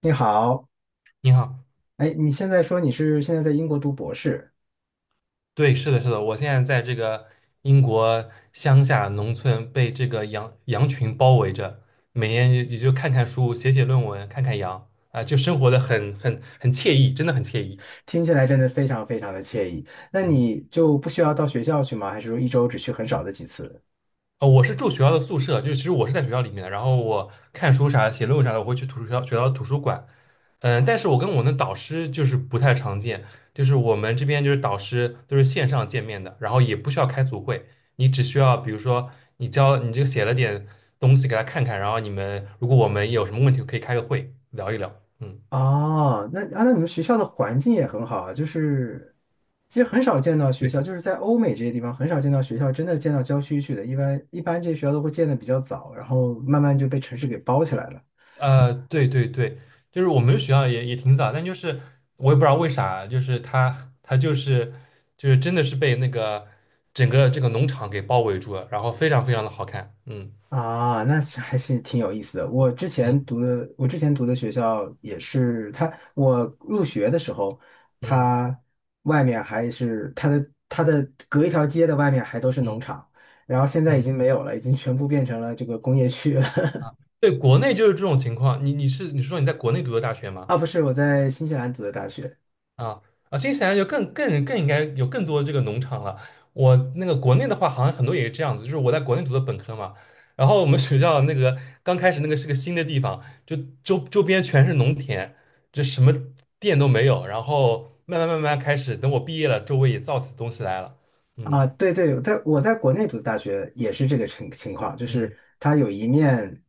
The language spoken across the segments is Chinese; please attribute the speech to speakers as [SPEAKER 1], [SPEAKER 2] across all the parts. [SPEAKER 1] 你好，
[SPEAKER 2] 你好，
[SPEAKER 1] 哎，你现在说你是现在在英国读博士，
[SPEAKER 2] 对，是的，是的，我现在在这个英国乡下农村，被这个羊群包围着，每天也就看看书，写写论文，看看羊，啊、就生活的很惬意，真的很惬意。
[SPEAKER 1] 听起来真的非常非常的惬意。那
[SPEAKER 2] 嗯。
[SPEAKER 1] 你就不需要到学校去吗？还是说一周只去很少的几次？
[SPEAKER 2] 我是住学校的宿舍，就是其实我是在学校里面的，然后我看书啥、写论文啥的，我会去图书学校学校的图书馆。嗯，但是我跟我的导师就是不太常见，就是我们这边就是导师都是线上见面的，然后也不需要开组会，你只需要比如说你教你这个写了点东西给他看看，然后如果我们有什么问题可以开个会聊一聊。嗯，
[SPEAKER 1] 哦，那你们学校的环境也很好啊，就是其实很少见到学
[SPEAKER 2] 对。
[SPEAKER 1] 校，就是在欧美这些地方很少见到学校真的建到郊区去的，一般这些学校都会建的比较早，然后慢慢就被城市给包起来了。
[SPEAKER 2] 对对对，就是我们学校也挺早，但就是我也不知道为啥，就是他就是真的是被那个整个这个农场给包围住了，然后非常非常的好看。嗯
[SPEAKER 1] 啊，那是还是挺有意思的。我之前读的学校也是他，我入学的时候，
[SPEAKER 2] 嗯
[SPEAKER 1] 他外面还是他的隔一条街的外面还都是农
[SPEAKER 2] 嗯
[SPEAKER 1] 场，然后现在已
[SPEAKER 2] 嗯。
[SPEAKER 1] 经没有了，已经全部变成了这个工业区了。
[SPEAKER 2] 啊，对，国内就是这种情况，你是说你在国内读的大学吗？
[SPEAKER 1] 啊，不是，我在新西兰读的大学。
[SPEAKER 2] 啊啊，新西兰就更应该有更多这个农场了。我那个国内的话，好像很多也是这样子，就是我在国内读的本科嘛，然后我们学校那个刚开始那个是个新的地方，就周边全是农田，就什么店都没有。然后慢慢慢慢开始，等我毕业了，周围也造起东西来了。嗯
[SPEAKER 1] 啊，对对，在我在国内读的大学也是这个情况，就是
[SPEAKER 2] 嗯。
[SPEAKER 1] 它有一面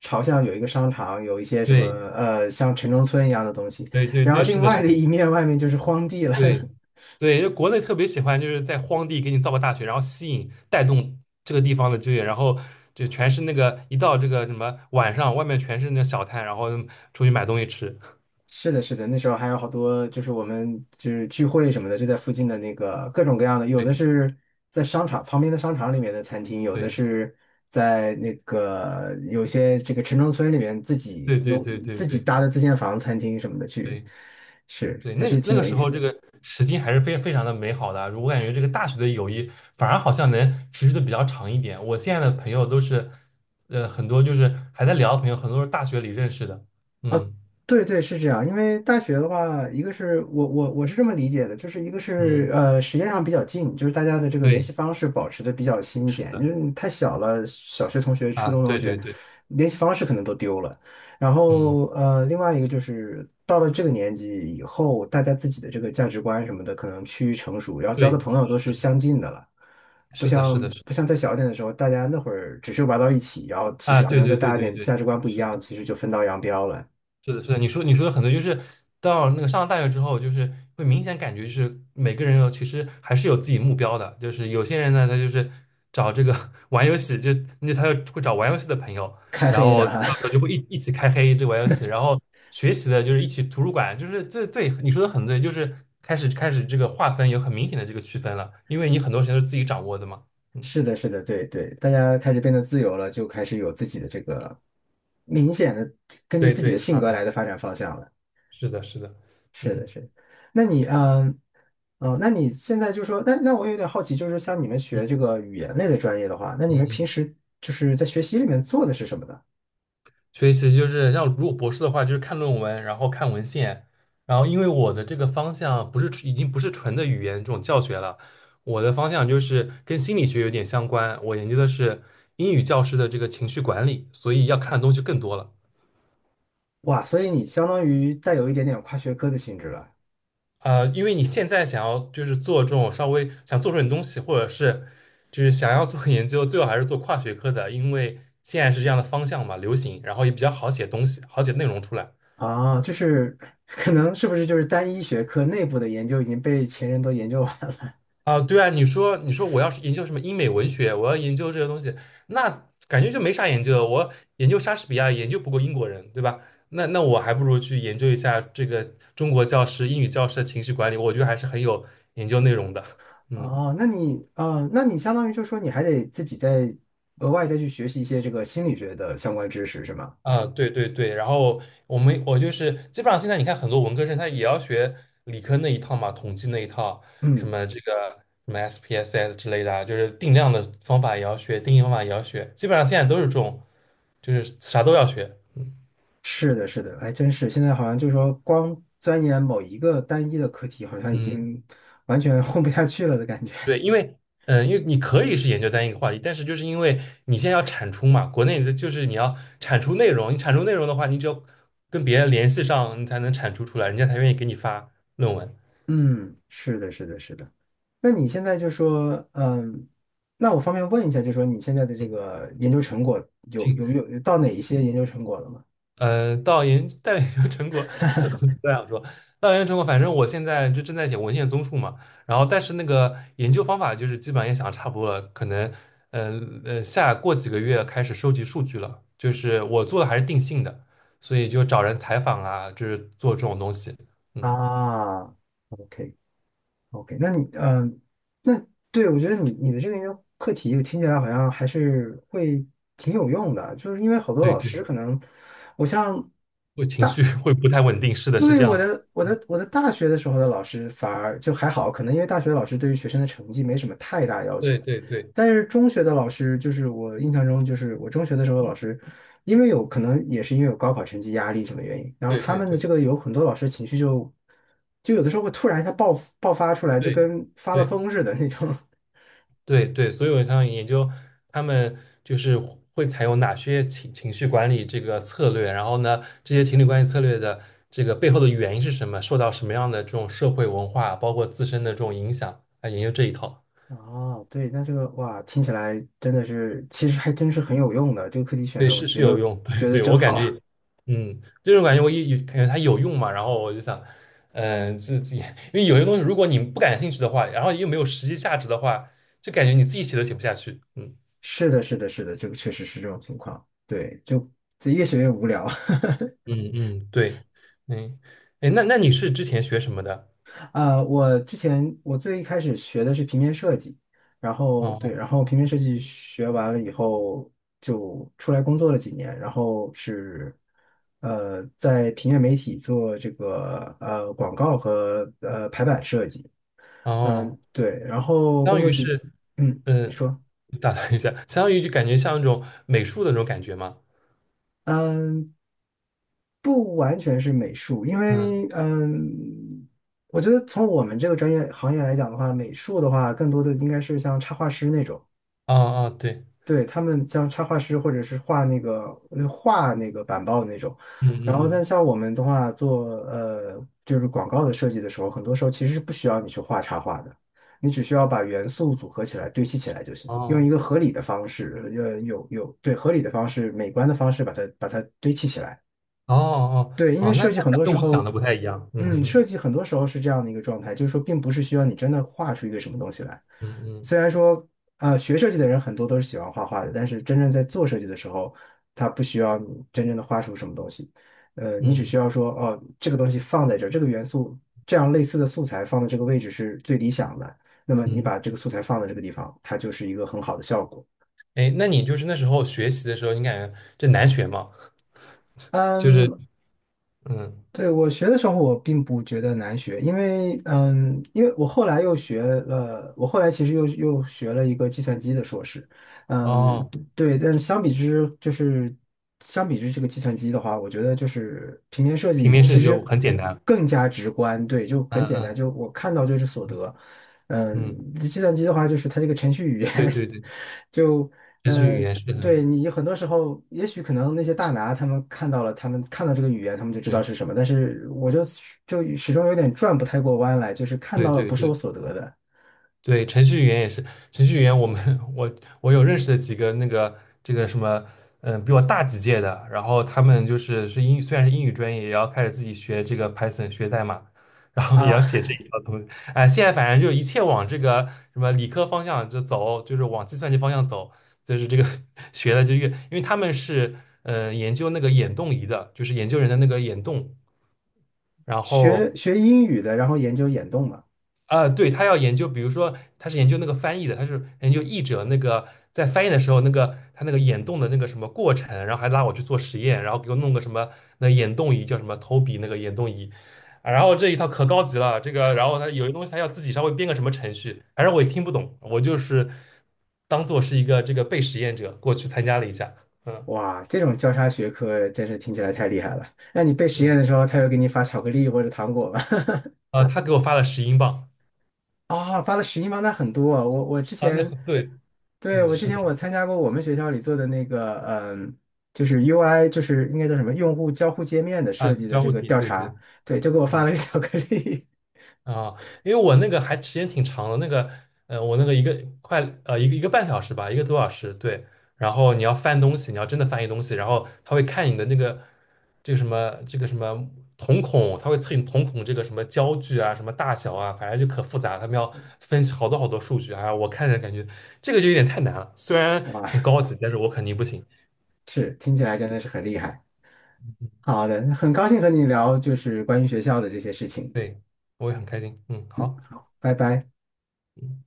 [SPEAKER 1] 朝向有一个商场，有一些什么
[SPEAKER 2] 对
[SPEAKER 1] 像城中村一样的东西，
[SPEAKER 2] 对对
[SPEAKER 1] 然
[SPEAKER 2] 对，
[SPEAKER 1] 后
[SPEAKER 2] 是
[SPEAKER 1] 另
[SPEAKER 2] 的，
[SPEAKER 1] 外
[SPEAKER 2] 是
[SPEAKER 1] 的
[SPEAKER 2] 的。
[SPEAKER 1] 一面外面就是荒地了。
[SPEAKER 2] 对，对，就国内特别喜欢，就是在荒地给你造个大学，然后吸引带动这个地方的就业，然后就全是那个一到这个什么晚上，外面全是那个小摊，然后出去买东西吃。
[SPEAKER 1] 是的，是的，那时候还有好多，就是我们就是聚会什么的，就在附近的那个各种各样的，有的是在商场旁边的商场里面的餐厅，有的
[SPEAKER 2] 对
[SPEAKER 1] 是在那个有些这个城中村里面自己
[SPEAKER 2] 对对
[SPEAKER 1] 弄
[SPEAKER 2] 对对
[SPEAKER 1] 自
[SPEAKER 2] 对
[SPEAKER 1] 己
[SPEAKER 2] 对
[SPEAKER 1] 搭的自建房餐厅什么的去，
[SPEAKER 2] 对
[SPEAKER 1] 是
[SPEAKER 2] 对。
[SPEAKER 1] 还
[SPEAKER 2] 那
[SPEAKER 1] 是
[SPEAKER 2] 个那
[SPEAKER 1] 挺
[SPEAKER 2] 个
[SPEAKER 1] 有
[SPEAKER 2] 时
[SPEAKER 1] 意
[SPEAKER 2] 候
[SPEAKER 1] 思
[SPEAKER 2] 这
[SPEAKER 1] 的。
[SPEAKER 2] 个时间还是非常的美好的啊，我感觉这个大学的友谊反而好像能持续的比较长一点。我现在的朋友都是，很多就是还在聊的朋友，很多是大学里认识的。嗯
[SPEAKER 1] 对对，是这样。因为大学的话，一个是我是这么理解的，就是一个是
[SPEAKER 2] 嗯，
[SPEAKER 1] 时间上比较近，就是大家的这个联
[SPEAKER 2] 对，
[SPEAKER 1] 系方式保持的比较新
[SPEAKER 2] 是
[SPEAKER 1] 鲜。因
[SPEAKER 2] 的。
[SPEAKER 1] 为你太小了，小学同学、初
[SPEAKER 2] 啊，
[SPEAKER 1] 中同
[SPEAKER 2] 对对
[SPEAKER 1] 学
[SPEAKER 2] 对。
[SPEAKER 1] 联系方式可能都丢了。然
[SPEAKER 2] 嗯，
[SPEAKER 1] 后另外一个就是到了这个年纪以后，大家自己的这个价值观什么的可能趋于成熟，然后交
[SPEAKER 2] 对，
[SPEAKER 1] 的朋友都
[SPEAKER 2] 是
[SPEAKER 1] 是
[SPEAKER 2] 的，
[SPEAKER 1] 相近的了。不
[SPEAKER 2] 是的，是
[SPEAKER 1] 像
[SPEAKER 2] 的，
[SPEAKER 1] 不像再小一点的时候，大家那会儿只是玩到一起，然后其
[SPEAKER 2] 啊，
[SPEAKER 1] 实可
[SPEAKER 2] 对
[SPEAKER 1] 能再
[SPEAKER 2] 对对
[SPEAKER 1] 大一
[SPEAKER 2] 对
[SPEAKER 1] 点，
[SPEAKER 2] 对，
[SPEAKER 1] 价值观不一
[SPEAKER 2] 是
[SPEAKER 1] 样，
[SPEAKER 2] 的，
[SPEAKER 1] 其实就分道扬镳了，
[SPEAKER 2] 是的，是的，你说的很多，就是到那个上了大学之后，就是会明显感觉就是每个人有其实还是有自己目标的，就是有些人呢，他就是找这个 玩游戏，就那他就会找玩游戏的朋友，
[SPEAKER 1] 开
[SPEAKER 2] 然
[SPEAKER 1] 黑
[SPEAKER 2] 后
[SPEAKER 1] 的。
[SPEAKER 2] 到
[SPEAKER 1] 哈。
[SPEAKER 2] 时候就会一起开黑这玩游戏，然后学习的就是一起图书馆，就是这对你说的很对，就是开始这个划分有很明显的这个区分了，因为你很多时间都是自己掌握的嘛。嗯，
[SPEAKER 1] 是的，是的，对对，大家开始变得自由了，就开始有自己的这个明显的根据
[SPEAKER 2] 对
[SPEAKER 1] 自己的
[SPEAKER 2] 对，
[SPEAKER 1] 性
[SPEAKER 2] 差
[SPEAKER 1] 格
[SPEAKER 2] 别。
[SPEAKER 1] 来的发展方向了。
[SPEAKER 2] 是的，是的。
[SPEAKER 1] 是的，
[SPEAKER 2] 嗯
[SPEAKER 1] 是的。那你，哦，那你现在就说，那我有点好奇，就是像你们学这
[SPEAKER 2] 嗯
[SPEAKER 1] 个语言类的专业的话，那你
[SPEAKER 2] 嗯
[SPEAKER 1] 们平
[SPEAKER 2] 嗯。
[SPEAKER 1] 时就是在学习里面做的是什么呢？
[SPEAKER 2] 所以其实就是像如果博士的话，就是看论文，然后看文献，然后因为我的这个方向不是纯已经不是纯的语言这种教学了，我的方向就是跟心理学有点相关，我研究的是英语教师的这个情绪管理，所以要看的东西更多了。
[SPEAKER 1] 哇，所以你相当于带有一点点跨学科的性质了
[SPEAKER 2] 啊、因为你现在想要就是做这种稍微想做出点东西，或者是就是想要做研究，最好还是做跨学科的，因为现在是这样的方向嘛，流行，然后也比较好写东西，好写内容出来。
[SPEAKER 1] 啊，就是 可能是不是就是单一学科内部的研究已经被前人都研究完了？
[SPEAKER 2] 啊，对啊，你说我要是研究什么英美文学，我要研究这个东西，那感觉就没啥研究了。我研究莎士比亚研究不过英国人，对吧？那我还不如去研究一下这个中国教师、英语教师的情绪管理，我觉得还是很有研究内容的。嗯。
[SPEAKER 1] 哦，那你相当于就说你还得自己再额外再去学习一些这个心理学的相关知识，是吗？
[SPEAKER 2] 啊，对对对，然后我就是基本上现在你看很多文科生他也要学理科那一套嘛，统计那一套，什
[SPEAKER 1] 嗯，
[SPEAKER 2] 么这个什么 SPSS 之类的啊就是定量的方法也要学，定义方法也要学，基本上现在都是这种，就是啥都要学。嗯，
[SPEAKER 1] 是的，是的，还真是。现在好像就是说，光钻研某一个单一的课题，好像已
[SPEAKER 2] 嗯
[SPEAKER 1] 经完全 混不下去了的感觉。
[SPEAKER 2] 对，因为你可以是研究单一个话题，但是就是因为你现在要产出嘛，国内的就是你要产出内容，你产出内容的话，你只有跟别人联系上，你才能产出出来，人家才愿意给你发论文。
[SPEAKER 1] 嗯，是的，是的，是的。那你现在就说，那我方便问一下，就说你现在的这
[SPEAKER 2] 嗯。
[SPEAKER 1] 个研究成果有
[SPEAKER 2] 挺
[SPEAKER 1] 有有到哪一些研究成果了吗？
[SPEAKER 2] 到研究成果，这不这样说。到研究成果，反正我现在就正在写文献综述嘛。然后，但是那个研究方法就是基本上也想差不多了，可能下过几个月开始收集数据了。就是我做的还是定性的，所以就找人采访啊，就是做这种东西。嗯，
[SPEAKER 1] 啊，OK。OK,那你那对我觉得你的这个研究课题，我听起来好像还是会挺有用的，就是因为好多
[SPEAKER 2] 对
[SPEAKER 1] 老师
[SPEAKER 2] 对，
[SPEAKER 1] 可能，我像
[SPEAKER 2] 会情绪会不太稳定，是的，是
[SPEAKER 1] 对，
[SPEAKER 2] 这样
[SPEAKER 1] 我
[SPEAKER 2] 子。
[SPEAKER 1] 的我的我的大学的时候的老师反而就还好，可能因为大学的老师对于学生的成绩没什么太大要求，
[SPEAKER 2] 对对对
[SPEAKER 1] 但是中学的老师就是我印象中就是我中学的时候的老师，因为有可能也是因为有高考成绩压力什么原因，然后
[SPEAKER 2] 对
[SPEAKER 1] 他
[SPEAKER 2] 对
[SPEAKER 1] 们的这
[SPEAKER 2] 对
[SPEAKER 1] 个有很多老师情绪就有的时候会突然一下爆发出来，就
[SPEAKER 2] 对
[SPEAKER 1] 跟发了
[SPEAKER 2] 对。
[SPEAKER 1] 疯似的那种。
[SPEAKER 2] 对对，所以我想研究他们就是会采用哪些情绪管理这个策略，然后呢，这些情侣关系策略的这个背后的原因是什么，受到什么样的这种社会文化，包括自身的这种影响，来研究这一套。
[SPEAKER 1] 哦，对，那这个哇，听起来真的是，其实还真是很有用的。这个课题选
[SPEAKER 2] 对，
[SPEAKER 1] 的，我
[SPEAKER 2] 是
[SPEAKER 1] 觉
[SPEAKER 2] 有
[SPEAKER 1] 得
[SPEAKER 2] 用，对
[SPEAKER 1] 觉得
[SPEAKER 2] 对，
[SPEAKER 1] 真
[SPEAKER 2] 我感
[SPEAKER 1] 好。
[SPEAKER 2] 觉，嗯，这种感觉我一感觉它有用嘛，然后我就想，嗯、自己因为有些东西如果你不感兴趣的话，然后又没有实际价值的话，就感觉你自己写都写不下去。嗯。
[SPEAKER 1] 是的，是的，是的，这个确实是这种情况。对，就自己越学越无聊。
[SPEAKER 2] 嗯嗯，对，嗯，哎，那你是之前学什么的？
[SPEAKER 1] 我之前我最一开始学的是平面设计，然后对，
[SPEAKER 2] 哦
[SPEAKER 1] 然后平面设计学完了以后，就出来工作了几年，然后是在平面媒体做这个广告和排版设计，
[SPEAKER 2] 哦，
[SPEAKER 1] 对，然后
[SPEAKER 2] 相
[SPEAKER 1] 工
[SPEAKER 2] 当
[SPEAKER 1] 作
[SPEAKER 2] 于
[SPEAKER 1] 几，
[SPEAKER 2] 是，
[SPEAKER 1] 嗯，
[SPEAKER 2] 呃，
[SPEAKER 1] 你说。
[SPEAKER 2] 打断一下，相当于就感觉像那种美术的那种感觉嘛。
[SPEAKER 1] 嗯，不完全是美术，因
[SPEAKER 2] 嗯，
[SPEAKER 1] 为我觉得从我们这个专业行业来讲的话，美术的话，更多的应该是像插画师那种，
[SPEAKER 2] 哦哦，对，
[SPEAKER 1] 对，他们像插画师或者是画那个画那个板报的那种。
[SPEAKER 2] 嗯
[SPEAKER 1] 然
[SPEAKER 2] 嗯
[SPEAKER 1] 后，但
[SPEAKER 2] 嗯，
[SPEAKER 1] 像我们的话，做就是广告的设计的时候，很多时候其实是不需要你去画插画的，你只需要把元素组合起来、堆砌起来就行，用一
[SPEAKER 2] 哦
[SPEAKER 1] 个合理的方式，有有对合理的方式、美观的方式把它堆砌起来。
[SPEAKER 2] 哦哦
[SPEAKER 1] 对，因为
[SPEAKER 2] 哦，那
[SPEAKER 1] 设
[SPEAKER 2] 那
[SPEAKER 1] 计很
[SPEAKER 2] 那
[SPEAKER 1] 多
[SPEAKER 2] 跟
[SPEAKER 1] 时
[SPEAKER 2] 我想
[SPEAKER 1] 候。
[SPEAKER 2] 的不太一样。嗯哼
[SPEAKER 1] 设
[SPEAKER 2] 哼。
[SPEAKER 1] 计很多时候是这样的一个状态，就是说，并不是需要你真的画出一个什么东西来。
[SPEAKER 2] 嗯嗯
[SPEAKER 1] 虽然说，学设计的人很多都是喜欢画画的，但是真正在做设计的时候，他不需要你真正的画出什么东西。你只
[SPEAKER 2] 嗯
[SPEAKER 1] 需要说，哦，这个东西放在这儿，这个元素，这样类似的素材放在这个位置是最理想的。那么你
[SPEAKER 2] 嗯。
[SPEAKER 1] 把这个素材放在这个地方，它就是一个很好的效果。
[SPEAKER 2] 哎，那你就是那时候学习的时候，你感觉这难学吗？就是
[SPEAKER 1] 嗯，
[SPEAKER 2] 嗯，
[SPEAKER 1] 对，我学的时候，我并不觉得难学，因为，因为我后来又学了，我后来其实又学了一个计算机的硕士，嗯，
[SPEAKER 2] 哦，
[SPEAKER 1] 对，但是相比之这个计算机的话，我觉得就是平面设
[SPEAKER 2] 平
[SPEAKER 1] 计
[SPEAKER 2] 面设
[SPEAKER 1] 其
[SPEAKER 2] 计就
[SPEAKER 1] 实
[SPEAKER 2] 很简单。
[SPEAKER 1] 更加直观，对，就很
[SPEAKER 2] 嗯
[SPEAKER 1] 简单，
[SPEAKER 2] 嗯
[SPEAKER 1] 就我看到就是所得，
[SPEAKER 2] 嗯，
[SPEAKER 1] 计算机的话就是它这个程序语
[SPEAKER 2] 对
[SPEAKER 1] 言
[SPEAKER 2] 对对，
[SPEAKER 1] 就。
[SPEAKER 2] 视觉
[SPEAKER 1] 呃
[SPEAKER 2] 语言是
[SPEAKER 1] 对
[SPEAKER 2] 很。
[SPEAKER 1] 你很多时候，也许可能那些大拿他们看到了，他们看到这个语言，他们就知道
[SPEAKER 2] 对。
[SPEAKER 1] 是什么，但是我就始终有点转不太过弯来，就是看
[SPEAKER 2] 对
[SPEAKER 1] 到了
[SPEAKER 2] 对
[SPEAKER 1] 不是我
[SPEAKER 2] 对
[SPEAKER 1] 所得的
[SPEAKER 2] 对，程序员也是，程序员我有认识的几个那个这个什么，嗯，比我大几届的，然后他们就是虽然是英语专业，也要开始自己学这个 Python 学代码，然后也要
[SPEAKER 1] 啊。
[SPEAKER 2] 写这一套东西。哎，现在反正就一切往这个什么理科方向就走，就是往计算机方向走，就是这个 学的就越，因为他们是研究那个眼动仪的，就是研究人的那个眼动。然
[SPEAKER 1] 学
[SPEAKER 2] 后
[SPEAKER 1] 学英语的，然后研究眼动嘛，
[SPEAKER 2] 啊，对，他要研究，比如说他是研究那个翻译的，他是研究译者那个在翻译的时候，那个他那个眼动的那个什么过程，然后还拉我去做实验，然后给我弄个什么那眼动仪，叫什么投笔那个眼动仪，啊，然后这一套可高级了，这个，然后他有些东西他要自己稍微编个什么程序，反正我也听不懂，我就是当做是一个这个被实验者过去参加了一下。嗯。
[SPEAKER 1] 哇，这种交叉学科真是听起来太厉害了。那你背实
[SPEAKER 2] 嗯。
[SPEAKER 1] 验的时候，他又给你发巧克力或者糖果吗？
[SPEAKER 2] 啊，他给我发了10英镑。
[SPEAKER 1] 啊、发了11吗？那很多啊我之
[SPEAKER 2] 啊，那
[SPEAKER 1] 前。
[SPEAKER 2] 很对，
[SPEAKER 1] 对，
[SPEAKER 2] 嗯，
[SPEAKER 1] 我之
[SPEAKER 2] 是
[SPEAKER 1] 前
[SPEAKER 2] 的，
[SPEAKER 1] 我参加过我们学校里做的那个，就是 UI,就是应该叫什么用户交互界面的
[SPEAKER 2] 啊，
[SPEAKER 1] 设计的
[SPEAKER 2] 交
[SPEAKER 1] 这
[SPEAKER 2] 互
[SPEAKER 1] 个
[SPEAKER 2] 体，
[SPEAKER 1] 调
[SPEAKER 2] 对
[SPEAKER 1] 查，
[SPEAKER 2] 对，
[SPEAKER 1] 对，就给我发
[SPEAKER 2] 嗯。
[SPEAKER 1] 了个巧克力，
[SPEAKER 2] 啊，因为我那个还时间挺长的，那个，我那个一个快半小时吧，1个多小时，对。然后你要翻东西，你要真的翻译东西，然后他会看你的那个这个什么瞳孔，他会测你瞳孔这个什么焦距啊，什么大小啊，反正就可复杂，他们要分析好多好多数据啊。我看着感觉这个就有点太难了，虽 然
[SPEAKER 1] 哇，
[SPEAKER 2] 很高级，但是我肯定不行。
[SPEAKER 1] 是，听起来真的是很厉害。好的，很高兴和你聊就是关于学校的这些事情，
[SPEAKER 2] 对，我也很开心。嗯，好。
[SPEAKER 1] 拜拜。
[SPEAKER 2] 嗯。